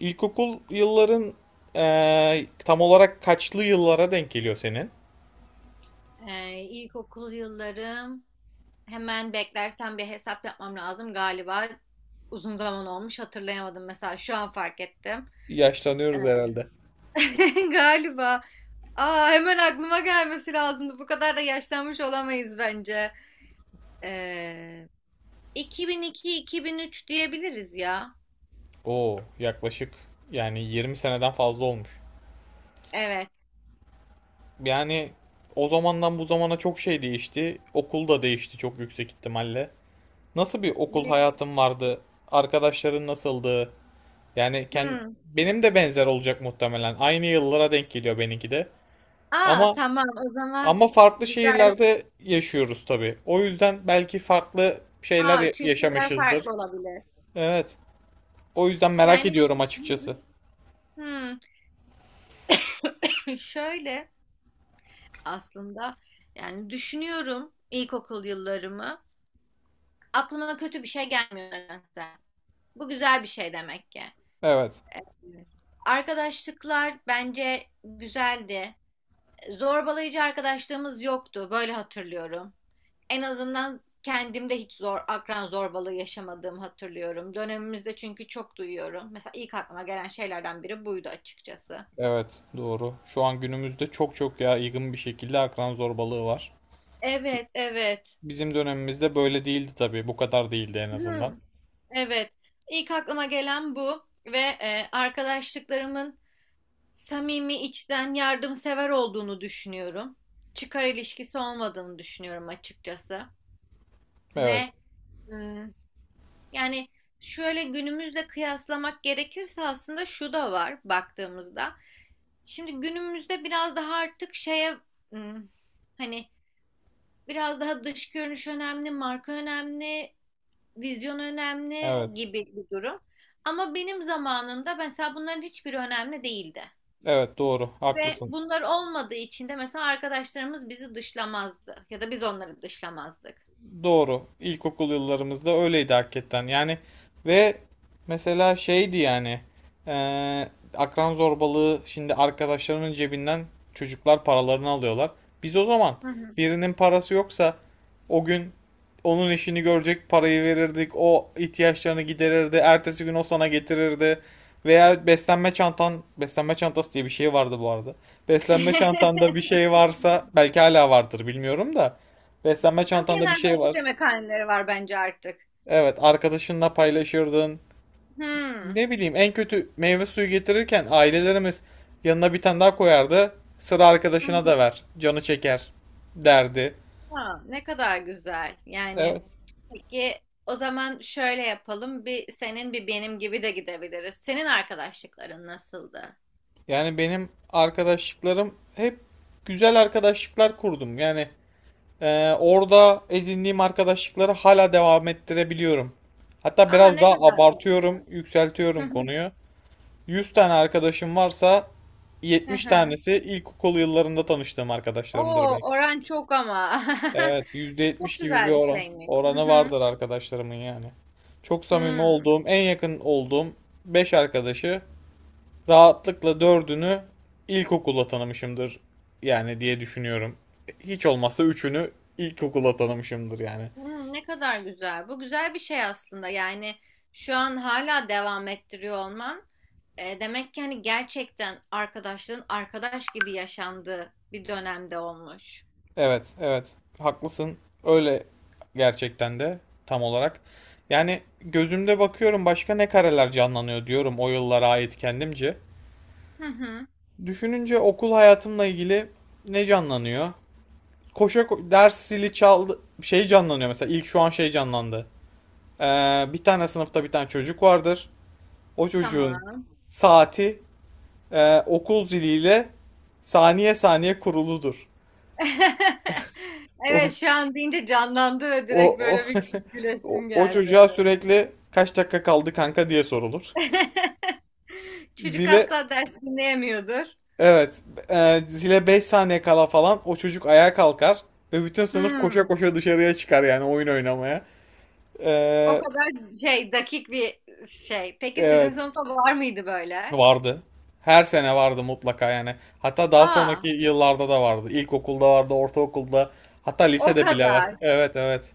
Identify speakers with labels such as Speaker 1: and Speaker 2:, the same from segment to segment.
Speaker 1: İlkokul yılların tam olarak kaçlı yıllara denk geliyor senin?
Speaker 2: İlkokul yıllarım hemen beklersen bir hesap yapmam lazım galiba. Uzun zaman olmuş hatırlayamadım, mesela şu an fark ettim.
Speaker 1: Yaşlanıyoruz herhalde.
Speaker 2: Ee, galiba. Aa, hemen aklıma gelmesi lazımdı. Bu kadar da yaşlanmış olamayız bence. Ee, 2002-2003 diyebiliriz ya.
Speaker 1: Oo, yaklaşık 20 seneden fazla olmuş.
Speaker 2: Evet.
Speaker 1: Yani o zamandan bu zamana çok şey değişti. Okul da değişti çok yüksek ihtimalle. Nasıl bir okul
Speaker 2: Büyük.
Speaker 1: hayatın vardı? Arkadaşların nasıldı? Yani kend-
Speaker 2: Hmm.
Speaker 1: Benim de benzer olacak muhtemelen. Aynı yıllara denk geliyor benimki de.
Speaker 2: Aa,
Speaker 1: Ama
Speaker 2: tamam o zaman
Speaker 1: Ama farklı
Speaker 2: güzel.
Speaker 1: şehirlerde yaşıyoruz tabii. O yüzden belki farklı şeyler
Speaker 2: Aa, kültürler
Speaker 1: yaşamışızdır.
Speaker 2: farklı olabilir.
Speaker 1: Evet. O yüzden merak
Speaker 2: Yani
Speaker 1: ediyorum açıkçası.
Speaker 2: hmm, şöyle aslında. Yani düşünüyorum ilkokul yıllarımı. Aklıma kötü bir şey gelmiyor nedense. Bu güzel bir şey demek ki.
Speaker 1: Evet.
Speaker 2: Evet. Arkadaşlıklar bence güzeldi. Zorbalayıcı arkadaşlığımız yoktu. Böyle hatırlıyorum. En azından kendimde hiç akran zorbalığı yaşamadığımı hatırlıyorum. Dönemimizde çünkü çok duyuyorum. Mesela ilk aklıma gelen şeylerden biri buydu açıkçası.
Speaker 1: Evet, doğru. Şu an günümüzde çok yaygın bir şekilde akran zorbalığı var.
Speaker 2: Evet, evet.
Speaker 1: Bizim dönemimizde böyle değildi tabii. Bu kadar değildi en azından.
Speaker 2: Hmm. Evet. İlk aklıma gelen bu ve arkadaşlıklarımın samimi, içten, yardımsever olduğunu düşünüyorum. Çıkar ilişkisi olmadığını düşünüyorum açıkçası.
Speaker 1: Evet.
Speaker 2: Ve hmm, yani şöyle günümüzle kıyaslamak gerekirse aslında şu da var baktığımızda. Şimdi günümüzde biraz daha artık şeye, hmm, hani biraz daha dış görünüş önemli, marka önemli, vizyon önemli
Speaker 1: Evet.
Speaker 2: gibi bir durum. Ama benim zamanımda mesela bunların hiçbiri önemli değildi.
Speaker 1: Evet, doğru.
Speaker 2: Ve
Speaker 1: Haklısın.
Speaker 2: bunlar olmadığı için de mesela arkadaşlarımız bizi dışlamazdı. Ya da biz onları dışlamazdık.
Speaker 1: Doğru. İlkokul yıllarımızda öyleydi hakikaten. Yani ve mesela şeydi yani eee, Akran zorbalığı şimdi arkadaşlarının cebinden çocuklar paralarını alıyorlar. Biz o zaman
Speaker 2: Hı hı.
Speaker 1: birinin parası yoksa o gün onun işini görecek parayı verirdik. O ihtiyaçlarını giderirdi. Ertesi gün o sana getirirdi. Veya beslenme çantası diye bir şey vardı bu arada. Beslenme çantanda bir şey varsa belki hala vardır bilmiyorum da. Beslenme
Speaker 2: Ama
Speaker 1: çantanda bir
Speaker 2: genelde
Speaker 1: şey
Speaker 2: okul
Speaker 1: var.
Speaker 2: yemekhaneleri var bence artık.
Speaker 1: Evet, arkadaşınla paylaşırdın.
Speaker 2: Hmm.
Speaker 1: Ne bileyim, en kötü meyve suyu getirirken ailelerimiz yanına bir tane daha koyardı. Sıra
Speaker 2: Hı hı.
Speaker 1: arkadaşına da ver, canı çeker derdi.
Speaker 2: Ha, ne kadar güzel. Yani
Speaker 1: Evet.
Speaker 2: peki, o zaman şöyle yapalım. Bir senin bir benim gibi de gidebiliriz. Senin arkadaşlıkların nasıldı?
Speaker 1: Yani benim arkadaşlıklarım hep güzel arkadaşlıklar kurdum. Orada edindiğim arkadaşlıkları hala devam ettirebiliyorum. Hatta
Speaker 2: Aa,
Speaker 1: biraz
Speaker 2: ne
Speaker 1: daha
Speaker 2: kadar güzel.
Speaker 1: abartıyorum, yükseltiyorum konuyu. 100 tane arkadaşım varsa 70
Speaker 2: Aha.
Speaker 1: tanesi ilkokul yıllarında tanıştığım arkadaşlarımdır
Speaker 2: Oo,
Speaker 1: benim.
Speaker 2: oran çok ama.
Speaker 1: Evet, yüzde
Speaker 2: Bu
Speaker 1: yetmiş
Speaker 2: çok
Speaker 1: gibi bir
Speaker 2: güzel bir
Speaker 1: oran
Speaker 2: şeymiş. Hı
Speaker 1: oranı
Speaker 2: hı.
Speaker 1: vardır arkadaşlarımın yani. Çok samimi
Speaker 2: Hmm.
Speaker 1: olduğum, en yakın olduğum 5 arkadaşı rahatlıkla dördünü ilkokulda tanımışımdır yani diye düşünüyorum. Hiç olmazsa üçünü ilkokulda tanımışımdır yani.
Speaker 2: Ne kadar güzel. Bu güzel bir şey aslında. Yani şu an hala devam ettiriyor olman. Demek ki hani gerçekten arkadaşlığın arkadaş gibi yaşandığı bir dönemde olmuş.
Speaker 1: Evet, evet. Haklısın. Öyle gerçekten de tam olarak. Yani gözümde bakıyorum başka ne kareler canlanıyor diyorum o yıllara ait kendimce.
Speaker 2: Hı hı.
Speaker 1: Düşününce okul hayatımla ilgili ne canlanıyor? Ders zili çaldı şey canlanıyor mesela ilk şu an şey canlandı. Bir tane sınıfta bir tane çocuk vardır. O çocuğun
Speaker 2: Tamam.
Speaker 1: saati okul ziliyle saniye saniye kuruludur.
Speaker 2: Evet,
Speaker 1: O
Speaker 2: şu an deyince canlandı ve direkt
Speaker 1: o o,
Speaker 2: böyle bir gülesim
Speaker 1: O
Speaker 2: geldi.
Speaker 1: çocuğa sürekli kaç dakika kaldı kanka diye sorulur.
Speaker 2: Çocuk
Speaker 1: Zile
Speaker 2: asla ders dinleyemiyordur.
Speaker 1: evet Zile 5 saniye kala falan o çocuk ayağa kalkar ve bütün sınıf koşa
Speaker 2: Hmm.
Speaker 1: koşa dışarıya çıkar yani oyun oynamaya.
Speaker 2: O
Speaker 1: Ee,
Speaker 2: kadar dakik bir şey. Peki sizin
Speaker 1: evet.
Speaker 2: sınıfta var mıydı böyle?
Speaker 1: Vardı. Her sene vardı mutlaka yani. Hatta daha
Speaker 2: Aa,
Speaker 1: sonraki yıllarda da vardı. İlkokulda vardı, ortaokulda, hatta
Speaker 2: o
Speaker 1: lisede bile var.
Speaker 2: kadar.
Speaker 1: Evet, evet.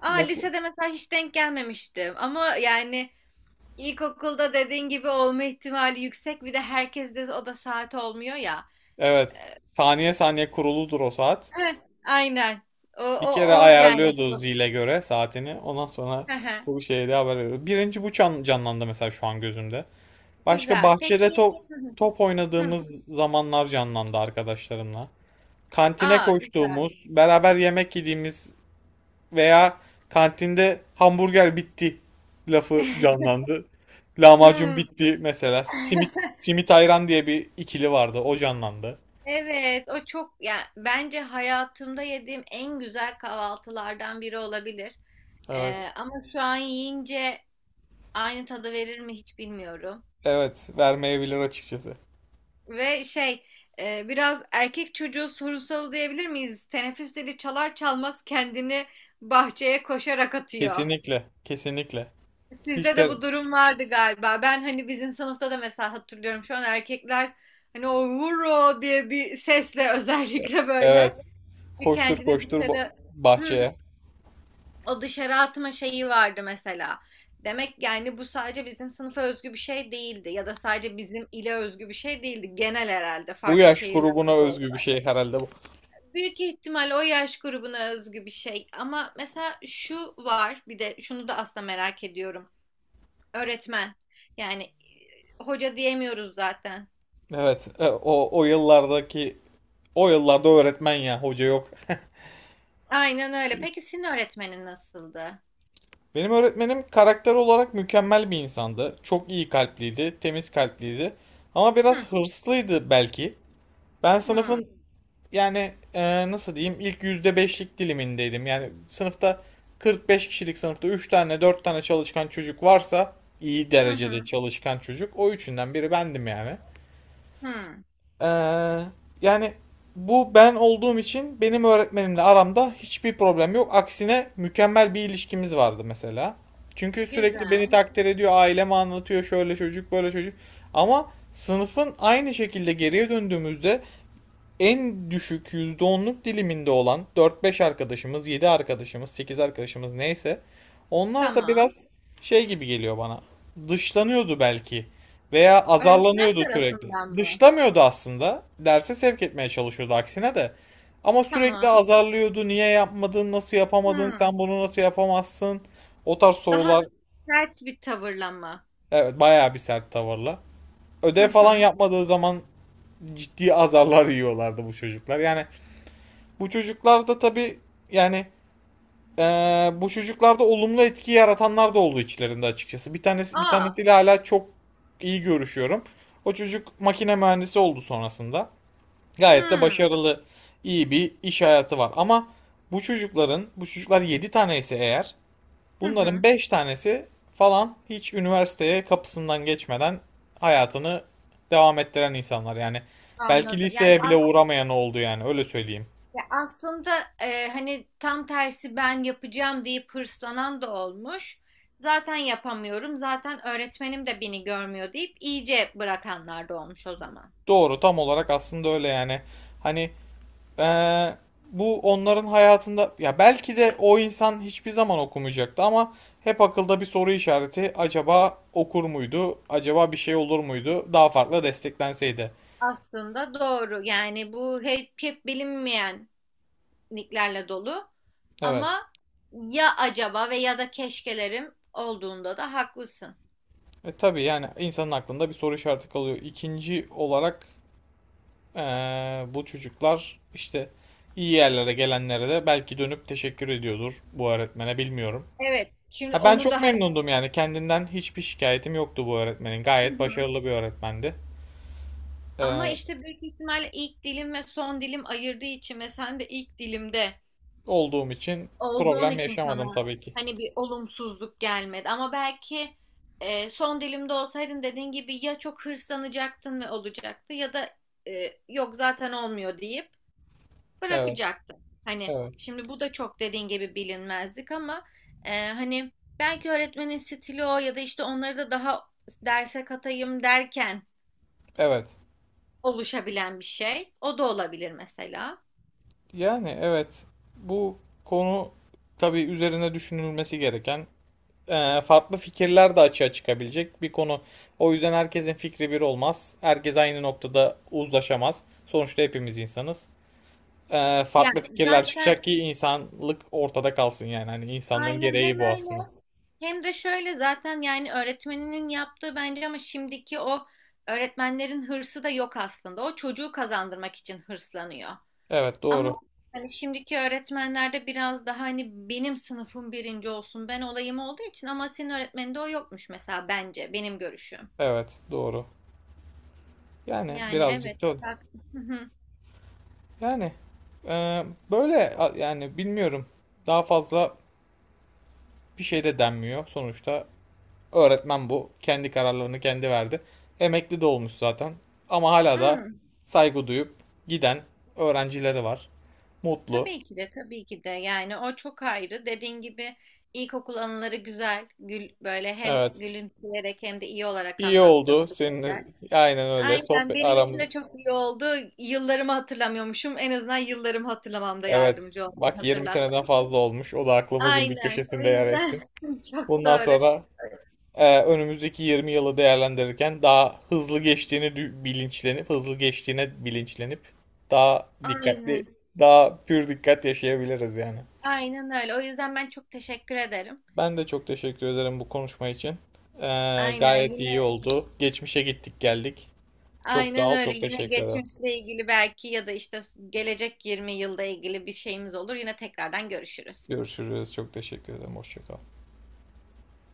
Speaker 2: Aa,
Speaker 1: Mutlu.
Speaker 2: lisede mesela hiç denk gelmemiştim. Ama yani ilkokulda dediğin gibi olma ihtimali yüksek. Bir de herkes de o da saat olmuyor ya.
Speaker 1: Evet. Saniye saniye kuruludur o saat.
Speaker 2: Heh, aynen. O,
Speaker 1: Bir
Speaker 2: o,
Speaker 1: kere
Speaker 2: o yani.
Speaker 1: ayarlıyordu zile göre saatini. Ondan sonra
Speaker 2: Hı hı.
Speaker 1: bu şeyde haber veriyordu. Birinci canlandı mesela şu an gözümde. Başka
Speaker 2: Güzel.
Speaker 1: bahçede
Speaker 2: Peki.
Speaker 1: top
Speaker 2: Hı hı.
Speaker 1: top
Speaker 2: Hı.
Speaker 1: oynadığımız zamanlar canlandı arkadaşlarımla. Kantine
Speaker 2: Aa, güzel.
Speaker 1: koştuğumuz, beraber yemek yediğimiz veya kantinde hamburger bitti lafı canlandı. Lahmacun
Speaker 2: Hmm.
Speaker 1: bitti mesela. Simit simit ayran diye bir ikili vardı. O canlandı.
Speaker 2: Evet, o çok, yani bence hayatımda yediğim en güzel kahvaltılardan biri olabilir.
Speaker 1: Evet.
Speaker 2: Ama şu an yiyince aynı tadı verir mi hiç bilmiyorum.
Speaker 1: Evet, vermeyebilir açıkçası.
Speaker 2: Ve biraz erkek çocuğu sorunsalı diyebilir miyiz? Teneffüs zili çalar çalmaz kendini bahçeye koşarak atıyor.
Speaker 1: Kesinlikle, kesinlikle. Hiç
Speaker 2: Sizde de
Speaker 1: de
Speaker 2: bu durum vardı galiba. Ben hani bizim sınıfta da mesela hatırlıyorum şu an, erkekler hani o vuro diye bir sesle özellikle böyle
Speaker 1: Evet.
Speaker 2: bir
Speaker 1: Koştur
Speaker 2: kendini
Speaker 1: koştur ba-
Speaker 2: dışarı. Hmm,
Speaker 1: Bahçeye.
Speaker 2: O dışarı atma şeyi vardı mesela. Demek yani bu sadece bizim sınıfa özgü bir şey değildi ya da sadece bizim ile özgü bir şey değildi. Genel herhalde
Speaker 1: Bu
Speaker 2: farklı
Speaker 1: yaş grubuna
Speaker 2: şehirlerde de
Speaker 1: özgü
Speaker 2: olsa.
Speaker 1: bir şey herhalde bu.
Speaker 2: Büyük ihtimal o yaş grubuna özgü bir şey, ama mesela şu var, bir de şunu da aslında merak ediyorum. Öğretmen, yani hoca diyemiyoruz zaten.
Speaker 1: Evet, o yıllardaki o yıllarda öğretmen ya, hoca yok.
Speaker 2: Aynen öyle. Peki senin öğretmenin nasıldı?
Speaker 1: Benim öğretmenim karakter olarak mükemmel bir insandı. Çok iyi kalpliydi, temiz kalpliydi. Ama
Speaker 2: Hı
Speaker 1: biraz hırslıydı belki. Ben
Speaker 2: hı,
Speaker 1: sınıfın yani e, Nasıl diyeyim ilk %5'lik dilimindeydim. Yani sınıfta 45 kişilik sınıfta 3 tane 4 tane çalışkan çocuk varsa iyi
Speaker 2: hı
Speaker 1: derecede
Speaker 2: hı.
Speaker 1: çalışkan çocuk o üçünden biri bendim yani.
Speaker 2: Hı.
Speaker 1: Ee, yani Bu ben olduğum için benim öğretmenimle aramda hiçbir problem yok. Aksine mükemmel bir ilişkimiz vardı mesela. Çünkü sürekli beni
Speaker 2: Güzel.
Speaker 1: takdir ediyor, aileme anlatıyor, şöyle çocuk, böyle çocuk. Ama sınıfın aynı şekilde geriye döndüğümüzde en düşük %10'luk diliminde olan dört beş arkadaşımız, 7 arkadaşımız, 8 arkadaşımız neyse onlar da
Speaker 2: Tamam.
Speaker 1: biraz şey gibi geliyor bana. Dışlanıyordu belki veya
Speaker 2: Öğretmen
Speaker 1: azarlanıyordu sürekli.
Speaker 2: tarafından mı?
Speaker 1: Dışlamıyordu aslında. Derse sevk etmeye çalışıyordu aksine de. Ama sürekli
Speaker 2: Tamam.
Speaker 1: azarlıyordu. Niye yapmadın? Nasıl yapamadın?
Speaker 2: Hı.
Speaker 1: Sen bunu nasıl yapamazsın? O tarz
Speaker 2: Daha
Speaker 1: sorular
Speaker 2: sert bir tavırla mı?
Speaker 1: evet bayağı bir sert tavırla.
Speaker 2: Hı
Speaker 1: Ödev falan
Speaker 2: hı.
Speaker 1: yapmadığı zaman ciddi azarlar yiyorlardı bu çocuklar. Yani bu çocuklarda tabii yani bu çocuklarda olumlu etki yaratanlar da oldu içlerinde açıkçası. Bir
Speaker 2: Aa.
Speaker 1: tanesiyle hala çok iyi görüşüyorum. O çocuk makine mühendisi oldu sonrasında. Gayet de
Speaker 2: Hı.
Speaker 1: başarılı, iyi bir iş hayatı var. Ama bu çocuklar 7 tane ise eğer,
Speaker 2: Hı
Speaker 1: bunların
Speaker 2: hı.
Speaker 1: 5 tanesi falan hiç üniversiteye kapısından geçmeden hayatını devam ettiren insanlar. Yani belki
Speaker 2: Anladım. Yani
Speaker 1: liseye bile
Speaker 2: as
Speaker 1: uğramayan oldu yani öyle söyleyeyim.
Speaker 2: Ya aslında hani tam tersi, ben yapacağım deyip hırslanan da olmuş. Zaten yapamıyorum. Zaten öğretmenim de beni görmüyor deyip iyice bırakanlar da olmuş o zaman.
Speaker 1: Doğru tam olarak aslında öyle yani. Hani eee, Bu onların hayatında ya belki de o insan hiçbir zaman okumayacaktı ama hep akılda bir soru işareti acaba okur muydu? Acaba bir şey olur muydu? Daha farklı desteklenseydi.
Speaker 2: Aslında doğru. Yani bu hep bilinmeyenliklerle dolu.
Speaker 1: Evet.
Speaker 2: Ama ya acaba ve ya da keşkelerim olduğunda da haklısın.
Speaker 1: E tabii yani insanın aklında bir soru işareti kalıyor. İkinci olarak bu çocuklar işte iyi yerlere gelenlere de belki dönüp teşekkür ediyordur bu öğretmene bilmiyorum.
Speaker 2: Evet. Şimdi
Speaker 1: Ha, ben
Speaker 2: onu
Speaker 1: çok
Speaker 2: da hani,
Speaker 1: memnundum yani kendinden hiçbir şikayetim yoktu bu öğretmenin.
Speaker 2: hı
Speaker 1: Gayet
Speaker 2: hı,
Speaker 1: başarılı bir öğretmendi.
Speaker 2: ama
Speaker 1: Ee,
Speaker 2: işte büyük ihtimalle ilk dilim ve son dilim ayırdığı için ve sen de ilk dilimde
Speaker 1: Olduğum için
Speaker 2: olduğun
Speaker 1: problem
Speaker 2: için sana
Speaker 1: yaşamadım tabii ki.
Speaker 2: hani bir olumsuzluk gelmedi. Ama belki son dilimde olsaydın dediğin gibi ya çok hırslanacaktın ve olacaktı ya da yok zaten olmuyor deyip
Speaker 1: Evet,
Speaker 2: bırakacaktım. Hani
Speaker 1: evet,
Speaker 2: şimdi bu da çok dediğin gibi bilinmezlik, ama hani belki öğretmenin stili o, ya da işte onları da daha derse katayım derken
Speaker 1: evet.
Speaker 2: oluşabilen bir şey. O da olabilir mesela.
Speaker 1: Yani evet bu konu tabii üzerine düşünülmesi gereken farklı fikirler de açığa çıkabilecek bir konu. O yüzden herkesin fikri bir olmaz. Herkes aynı noktada uzlaşamaz. Sonuçta hepimiz insanız. Farklı
Speaker 2: Yani
Speaker 1: fikirler
Speaker 2: zaten
Speaker 1: çıkacak ki insanlık ortada kalsın yani. Hani insanlığın
Speaker 2: aynen
Speaker 1: gereği
Speaker 2: hem
Speaker 1: bu aslında.
Speaker 2: öyle hem de şöyle zaten, yani öğretmeninin yaptığı bence, ama şimdiki o öğretmenlerin hırsı da yok aslında. O çocuğu kazandırmak için hırslanıyor.
Speaker 1: Evet
Speaker 2: Ama
Speaker 1: doğru.
Speaker 2: hani şimdiki öğretmenlerde biraz daha hani benim sınıfım birinci olsun, ben olayım olduğu için, ama senin öğretmeninde o yokmuş mesela, bence benim görüşüm.
Speaker 1: Evet doğru. Yani
Speaker 2: Yani evet.
Speaker 1: birazcık da öyle.
Speaker 2: bak- Hı hı.
Speaker 1: Yani e, böyle a- yani Bilmiyorum. Daha fazla bir şey de denmiyor. Sonuçta öğretmen bu. Kendi kararlarını kendi verdi. Emekli de olmuş zaten. Ama hala da
Speaker 2: Hmm,
Speaker 1: saygı duyup giden öğrencileri var. Mutlu.
Speaker 2: Tabii ki de, tabii ki de, yani o çok ayrı. Dediğin gibi ilkokul anıları güzel. Böyle hem
Speaker 1: Evet.
Speaker 2: gülümseyerek hem de iyi olarak
Speaker 1: İyi oldu
Speaker 2: anlattığımız
Speaker 1: seninle.
Speaker 2: şeyler.
Speaker 1: Aynen öyle.
Speaker 2: Aynen,
Speaker 1: Sohbet
Speaker 2: benim için
Speaker 1: aramız.
Speaker 2: de çok iyi oldu. Yıllarımı hatırlamıyormuşum. En azından yıllarımı hatırlamamda
Speaker 1: Evet.
Speaker 2: yardımcı oldu,
Speaker 1: Bak 20 seneden
Speaker 2: hatırlattı.
Speaker 1: fazla olmuş. O da aklımızın bir
Speaker 2: Aynen. O
Speaker 1: köşesinde yer etsin.
Speaker 2: yüzden çok
Speaker 1: Bundan
Speaker 2: doğru.
Speaker 1: sonra önümüzdeki 20 yılı değerlendirirken daha hızlı geçtiğini bilinçlenip, hızlı geçtiğine bilinçlenip daha dikkatli,
Speaker 2: Aynen.
Speaker 1: daha pür dikkat yaşayabiliriz yani.
Speaker 2: Aynen öyle. O yüzden ben çok teşekkür ederim.
Speaker 1: Ben de çok teşekkür ederim bu konuşma için. E,
Speaker 2: Aynen,
Speaker 1: gayet iyi
Speaker 2: yine
Speaker 1: oldu. Geçmişe gittik geldik. Çok sağ
Speaker 2: aynen
Speaker 1: ol,
Speaker 2: öyle.
Speaker 1: çok
Speaker 2: Yine
Speaker 1: teşekkür ederim.
Speaker 2: geçmişle ilgili belki, ya da işte gelecek 20 yılda ilgili bir şeyimiz olur. Yine tekrardan görüşürüz.
Speaker 1: Görüşürüz, çok teşekkür ederim. Hoşça kal.